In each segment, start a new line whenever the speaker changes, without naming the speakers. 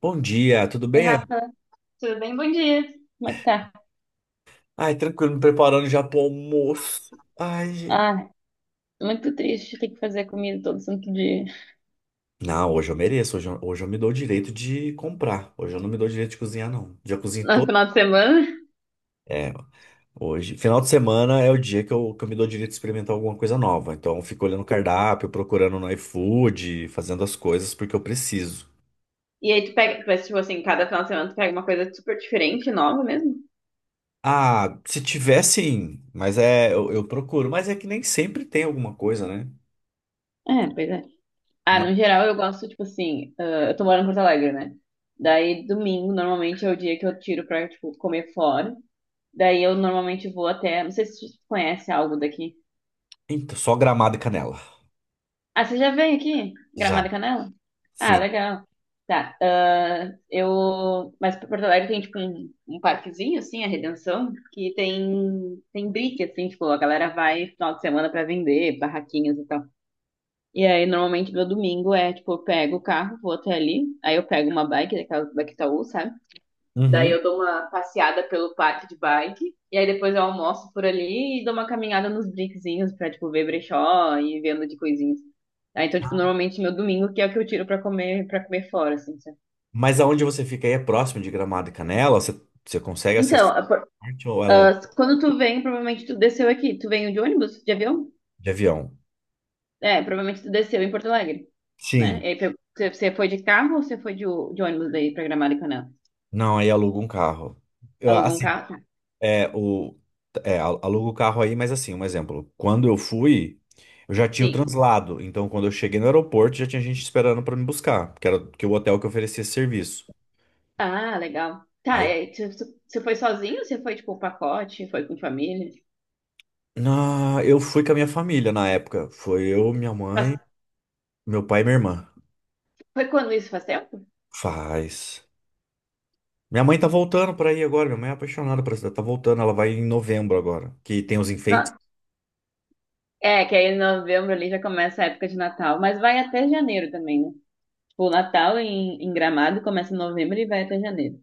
Bom dia, tudo
Oi,
bem? Ana?
Rafa, tudo bem? Bom dia. Como é que tá?
Ai, tranquilo, me preparando já pro almoço. Ai, gente.
Ah, muito triste ter que fazer comida todo santo dia.
Não, hoje eu mereço, hoje eu me dou o direito de comprar. Hoje eu não me dou o direito de cozinhar, não. Já cozinhei
No
todo.
final de semana?
É, hoje. Final de semana é o dia que eu me dou o direito de experimentar alguma coisa nova. Então eu fico olhando o cardápio, procurando no iFood, fazendo as coisas porque eu preciso.
E aí tu pega, mas tipo assim, cada final de semana tu pega uma coisa super diferente, nova mesmo?
Ah, se tiver sim, mas é, eu procuro. Mas é que nem sempre tem alguma coisa, né?
É, pois é. Ah,
Mas,
no geral eu gosto, tipo assim, eu tô morando em Porto Alegre, né? Daí domingo normalmente é o dia que eu tiro pra, tipo, comer fora. Daí eu normalmente vou até, não sei se tu conhece algo daqui.
então, só gramado e canela.
Ah, você já veio aqui?
Já,
Gramado e Canela? Ah,
sim.
legal. Tá. ah, eu. Mas pra Porto Alegre tem, tipo, um parquezinho, assim, a Redenção, que tem, tem brick, assim, tipo, a galera vai final de semana pra vender, barraquinhas e tal. E aí, normalmente, meu domingo é, tipo, eu pego o carro, vou até ali, aí eu pego uma bike, daquelas da Itaú, sabe? Daí
Uhum.
eu dou uma passeada pelo parque de bike. E aí depois eu almoço por ali e dou uma caminhada nos brinquezinhos pra, tipo, ver brechó e vendo de coisinhas. Ah, então, tipo, normalmente meu domingo que é o que eu tiro pra comer, para comer fora, assim, sabe?
Mas aonde você fica aí é próximo de Gramado e Canela? Você, você consegue
Então,
acessar
a por-
ou é longe
ah, quando tu vem, provavelmente tu desceu aqui. Tu veio de ônibus, de avião?
de avião?
É, provavelmente tu desceu em Porto Alegre, né?
Sim.
E aí, você foi de carro ou você foi de, de ônibus daí pra Gramado e Canela?
Não, aí aluga um carro. Eu,
Alugou um
assim,
carro? Tá.
é, o, é, aluga o carro aí, mas assim, um exemplo. Quando eu fui, eu já tinha o
Sim.
translado. Então, quando eu cheguei no aeroporto, já tinha gente esperando pra me buscar, que era que o hotel que oferecia esse serviço.
Ah, legal. Tá,
Aí,
é, você foi sozinho? Você foi, tipo, o pacote? Foi com família?
na, eu fui com a minha família na época. Foi eu, minha mãe,
Faz-
meu pai e minha irmã.
foi quando isso? Faz tempo?
Faz. Minha mãe tá voltando pra aí agora. Minha mãe é apaixonada por essa cidade. Tá voltando, ela vai em novembro agora. Que tem os enfeites.
Não. É, que aí em novembro ali já começa a época de Natal, mas vai até janeiro também, né? Tipo, o Natal em Gramado começa em novembro e vai até janeiro.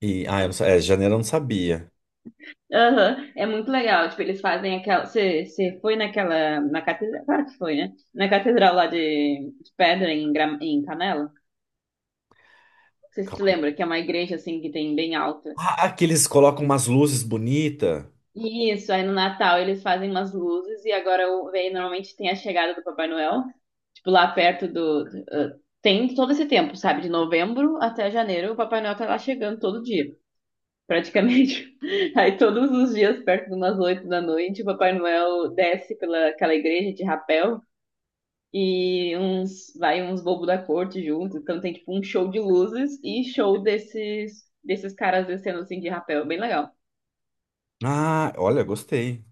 E, ah, eu não, é, janeiro eu não sabia.
Aham. É muito legal. Tipo, eles fazem aquela. Você foi naquela. Na catedral. Claro que foi, né? Na catedral lá de Pedra, em Canela. Não sei se tu
Calma aí.
lembra, que é uma igreja assim que tem bem alto.
Ah, que eles colocam umas luzes bonitas.
Isso, aí no Natal eles fazem umas luzes e agora aí normalmente tem a chegada do Papai Noel, tipo lá perto ah, tem todo esse tempo, sabe? De novembro até janeiro, o Papai Noel tá lá chegando todo dia, praticamente. Aí todos os dias, perto de umas oito da noite, o Papai Noel desce pela aquela igreja de rapel e uns vai uns bobos da corte junto, então tem tipo um show de luzes e show desses caras descendo assim de rapel, bem legal.
Ah, olha, gostei.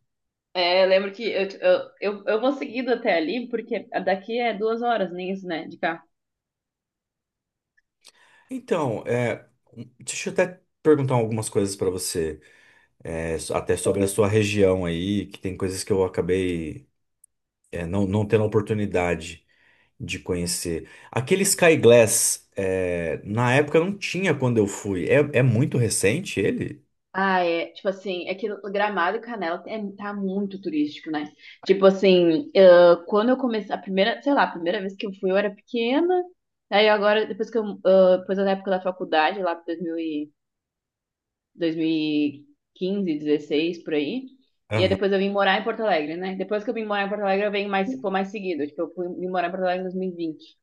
É, eu lembro que eu vou seguindo até ali, porque daqui é duas horas, nem isso, né, de cá.
Então, é, deixa eu até perguntar algumas coisas pra você. É, até sobre a sua região aí, que tem coisas que eu acabei, é, não tendo a oportunidade de conhecer. Aquele Sky Glass, é, na época não tinha quando eu fui. É, é muito recente ele?
Ah, é, tipo assim, é que Gramado e Canela é, tá muito turístico, né? Tipo assim, quando eu comecei, a primeira, sei lá, a primeira vez que eu fui eu era pequena, aí agora, depois que eu, depois da época da faculdade, lá pra 2000 e- 2015, 16, por aí, e aí
Aham.
depois eu vim morar em Porto Alegre, né? Depois que eu vim morar em Porto Alegre, eu venho mais, foi mais seguido, tipo, eu fui, vim morar em Porto Alegre em 2020.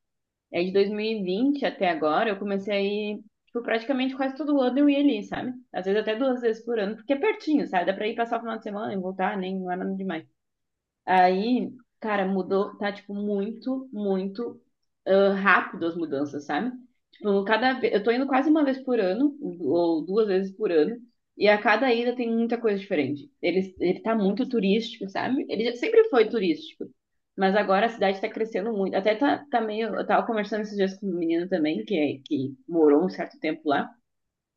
É de 2020 até agora, eu comecei a ir, tipo, praticamente quase todo ano eu ia ali, sabe? Às vezes até duas vezes por ano, porque é pertinho, sabe? Dá pra ir passar o final de semana e voltar, nem não é nada demais. Aí, cara, mudou, tá, tipo, rápido as mudanças, sabe? Tipo, cada vez, eu tô indo quase uma vez por ano, ou duas vezes por ano, e a cada ida tem muita coisa diferente. Ele tá muito turístico, sabe? Sempre foi turístico, mas agora a cidade tá crescendo muito. Até tá, tá meio, eu tava conversando esses dias com um menino também, que morou um certo tempo lá,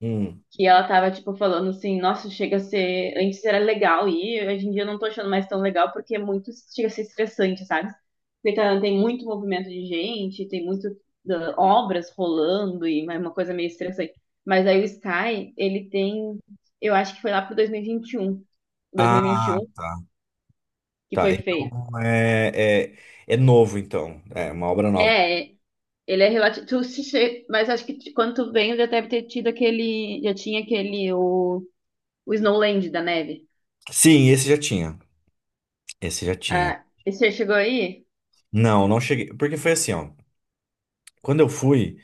Hum.
que ela tava, tipo, falando assim, nossa, chega a ser, antes era legal e hoje em dia eu não tô achando mais tão legal porque é muito, chega a ser estressante, sabe? Tem muito movimento de gente, tem muito obras rolando e é uma coisa meio estressante. Mas aí o Sky, ele tem, eu acho que foi lá pro
Ah,
2021
tá.
que
Tá.
foi
Então
feito.
é novo, então. É uma obra nova.
É, ele é relativo, tu se che- mas acho que quando tu veio já deve ter tido aquele, já tinha o Snowland da neve.
Sim, esse já tinha. Esse já tinha.
Ah, e você chegou aí?
Não, não cheguei. Porque foi assim, ó. Quando eu fui,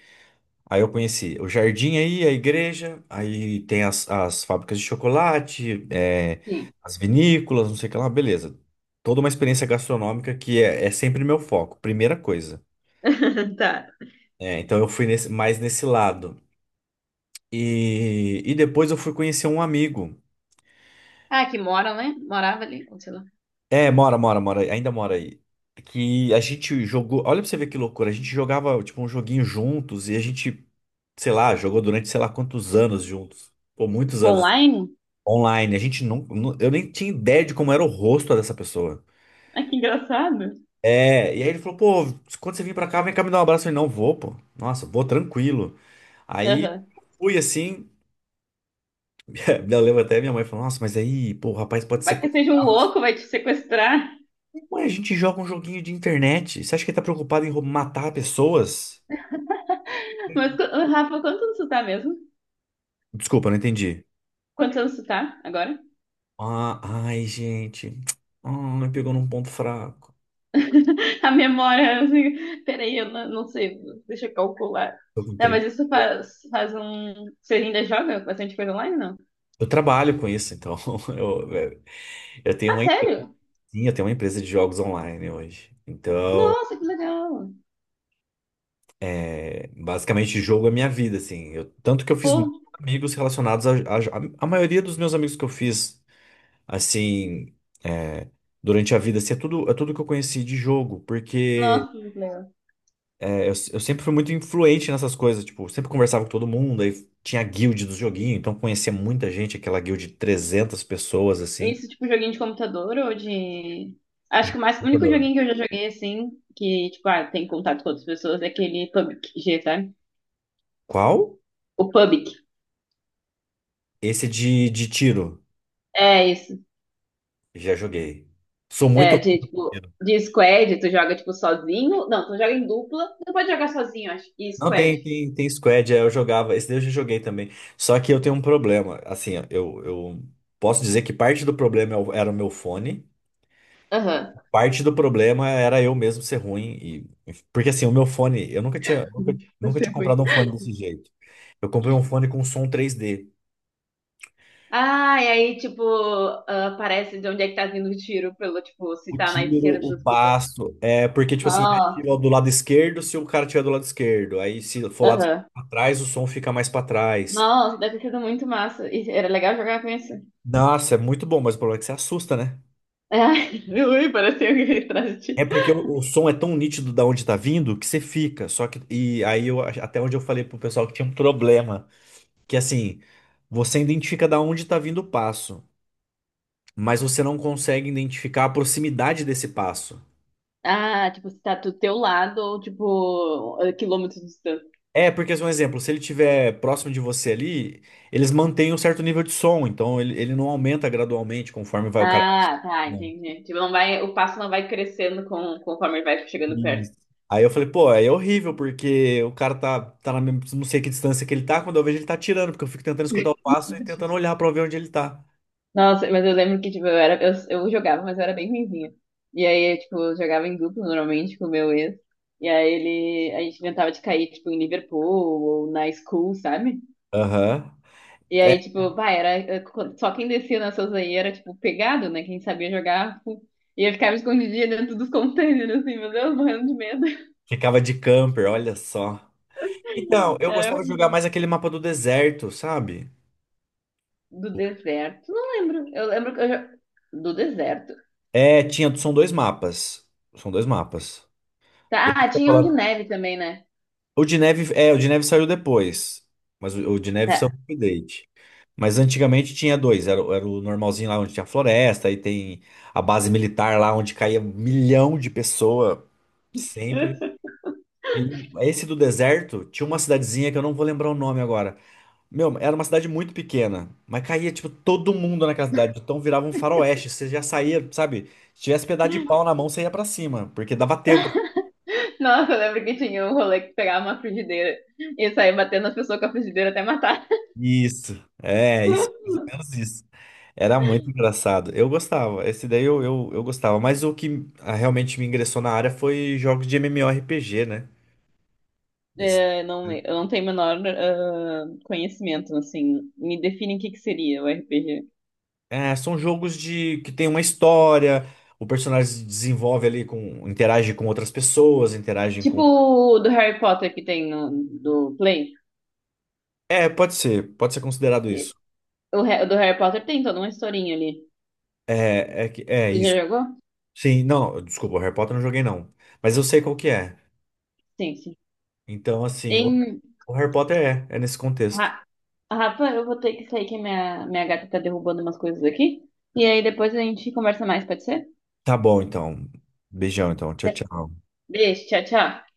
aí eu conheci o jardim aí, a igreja, aí tem as fábricas de chocolate, é,
Sim.
as vinícolas, não sei o que lá, beleza. Toda uma experiência gastronômica que é, é sempre meu foco, primeira coisa.
Tá.
É, então eu fui mais nesse lado. E depois eu fui conhecer um amigo.
Ah, que mora, né? Morava ali, ou sei lá.
É, mora, ainda mora aí. Que a gente jogou, olha pra você ver que loucura, a gente jogava tipo um joguinho juntos e a gente, sei lá, jogou durante sei lá quantos anos juntos, ou muitos anos
Online?
online. A gente eu nem tinha ideia de como era o rosto dessa pessoa.
Ah, que engraçado.
É, e aí ele falou, pô, quando você vir pra cá, vem cá me dar um abraço. Eu falei, não, vou, pô. Nossa, vou tranquilo. Aí
Aham.
fui assim, eu lembro até minha mãe falou, nossa, mas aí, pô, o rapaz pode ser
Vai que seja um louco, vai te sequestrar.
Mas a gente joga um joguinho de internet. Você acha que ele tá preocupado em matar pessoas?
Mas, ô, Rafa, quantos anos tu tá mesmo?
Desculpa, não entendi.
Quantos anos tu tá agora?
Ah, ai, gente. Ah, me pegou num ponto fraco.
A memória, assim, peraí, eu não, não sei, deixa eu calcular.
Eu,
Não,
entrei-
mas isso faz, faz um. Você ainda joga bastante coisa online, não?
eu trabalho com isso, então. Eu, eu- eu tenho
Ah,
uma
sério?
empresinha, eu tenho uma empresa de jogos online hoje. Então,
Nossa, que legal!
é, basicamente, jogo é minha vida, assim. Tanto que eu fiz muitos
Pô,
amigos relacionados a maioria dos meus amigos que eu fiz, assim, é, durante a vida, assim, é tudo que eu conheci de jogo, porque.
nossa, que legal.
É, eu sempre fui muito influente nessas coisas, tipo, sempre conversava com todo mundo, aí tinha a guild do joguinho, então conhecia muita gente, aquela guild de 300 pessoas, assim.
Isso, tipo, joguinho de computador ou de. Acho que mais... o único
Computador.
joguinho que eu já joguei assim, que, tipo, ah, tem contato com outras pessoas, é aquele PUBG, sabe?
Qual?
O PUBG.
Esse de tiro.
É isso.
Já joguei. Sou muito.
É, de, tipo, de squad, tu joga, tipo, sozinho. Não, tu joga em dupla. Tu pode jogar sozinho, acho. E
Não,
squad.
tem squad, é, eu jogava. Esse daí eu já joguei também. Só que eu tenho um problema. Assim, ó, eu posso dizer que parte do problema é era o meu fone.
Aham.
Parte do problema era eu mesmo ser ruim. E, porque assim, o meu fone, eu nunca
Você
tinha
é muito.
comprado um fone desse jeito. Eu comprei um fone com som 3D.
Ah, e aí, tipo, ah, aparece de onde é que tá vindo o tiro, pelo, tipo, se
O
tá na
tiro,
esquerda,
o
tu escuta.
passo. É porque, tipo assim, ele
Nossa.
ativa do lado esquerdo se o cara tiver do lado esquerdo. Aí, se for lado esquerdo
Aham.
pra trás, o som fica mais pra trás.
Nossa, deve ter sido muito massa. E era legal jogar com esse.
Nossa, é muito bom, mas o problema é que você assusta, né?
Ah, ui, parece alguém atrás de
É
ti.
porque o som é tão nítido da onde tá vindo que você fica. Só que. E aí, eu, até onde eu falei pro pessoal que tinha um problema. Que assim, você identifica da onde tá vindo o passo, mas você não consegue identificar a proximidade desse passo.
Ah, tipo, se tá do teu lado ou, tipo, a quilômetros de distância.
É, porque, assim, um exemplo, se ele estiver próximo de você ali, eles mantêm um certo nível de som, então ele não aumenta gradualmente conforme vai o cara.
Ah, tá,
Não.
entendi. Tipo, não vai, o passo não vai crescendo com, conforme ele vai chegando perto.
Isso. Aí eu falei, pô, é horrível, porque o cara tá na mesma, não sei que distância que ele tá, quando eu vejo ele tá tirando, porque eu fico tentando escutar o passo e tentando olhar pra ver onde ele tá.
Nossa, mas eu lembro que, tipo, eu jogava, mas eu era bem ruinzinha. E aí, tipo, jogava em duplo normalmente com o meu ex. E aí ele, a gente inventava de cair, tipo, em Liverpool ou na school, sabe?
Aham.
E
É,
aí, tipo, vai, era. Só quem descia nessas aí era, tipo, pegado, né? Quem sabia jogar. Tipo, e eu ficava escondidinha dentro dos containers, assim, meu Deus, morrendo de medo.
ficava de camper, olha só. Então, eu
Era
gostava de jogar
horrível.
mais aquele mapa do deserto, sabe?
Do deserto, não lembro. Eu lembro que eu já... Do deserto.
É, tinha, são dois mapas. São dois mapas.
Tá,
Esse
ah,
que eu tô
tinha um de
falando
neve também, né?
o de neve, é, o de neve saiu depois. Mas o de neve
Tá.
saiu com update. Mas antigamente tinha dois. Era, era o normalzinho lá onde tinha floresta, aí tem a base militar lá onde caía milhão de pessoas sempre. E esse do deserto tinha uma cidadezinha que eu não vou lembrar o nome agora. Meu, era uma cidade muito pequena, mas caía, tipo, todo mundo naquela cidade. Então virava um faroeste. Você já saía, sabe? Se tivesse pedaço de pau na mão, você ia pra cima, porque dava tempo.
Nossa, eu lembro que tinha um rolê que pegava uma frigideira e saía batendo as pessoas com a frigideira até matar.
Isso, é, isso, mais ou menos isso. Era muito engraçado. Eu gostava, esse daí eu gostava, mas o que ah, realmente me ingressou na área foi jogos de MMORPG, né? Esse-
É, não, eu não tenho o menor conhecimento, assim. Me define o que que seria o RPG.
é, são jogos de que tem uma história, o personagem se desenvolve ali com, interage com outras pessoas, interage com.
Tipo o do Harry Potter que tem no, do Play.
É, pode ser considerado
Que-
isso.
O o do Harry Potter tem toda uma historinha ali.
Que- é
Você
isso.
já jogou?
Sim, não, desculpa, o Harry Potter eu não joguei não, mas eu sei qual que é.
Sim, sim.
Então, assim,
Em,
o Harry Potter é, é nesse contexto.
Ra- Rafa, eu vou ter que sair que a minha gata tá derrubando umas coisas aqui. E aí depois a gente conversa mais, pode ser?
Tá bom, então. Beijão, então. Tchau,
Tá.
tchau.
Beijo, tchau, tchau.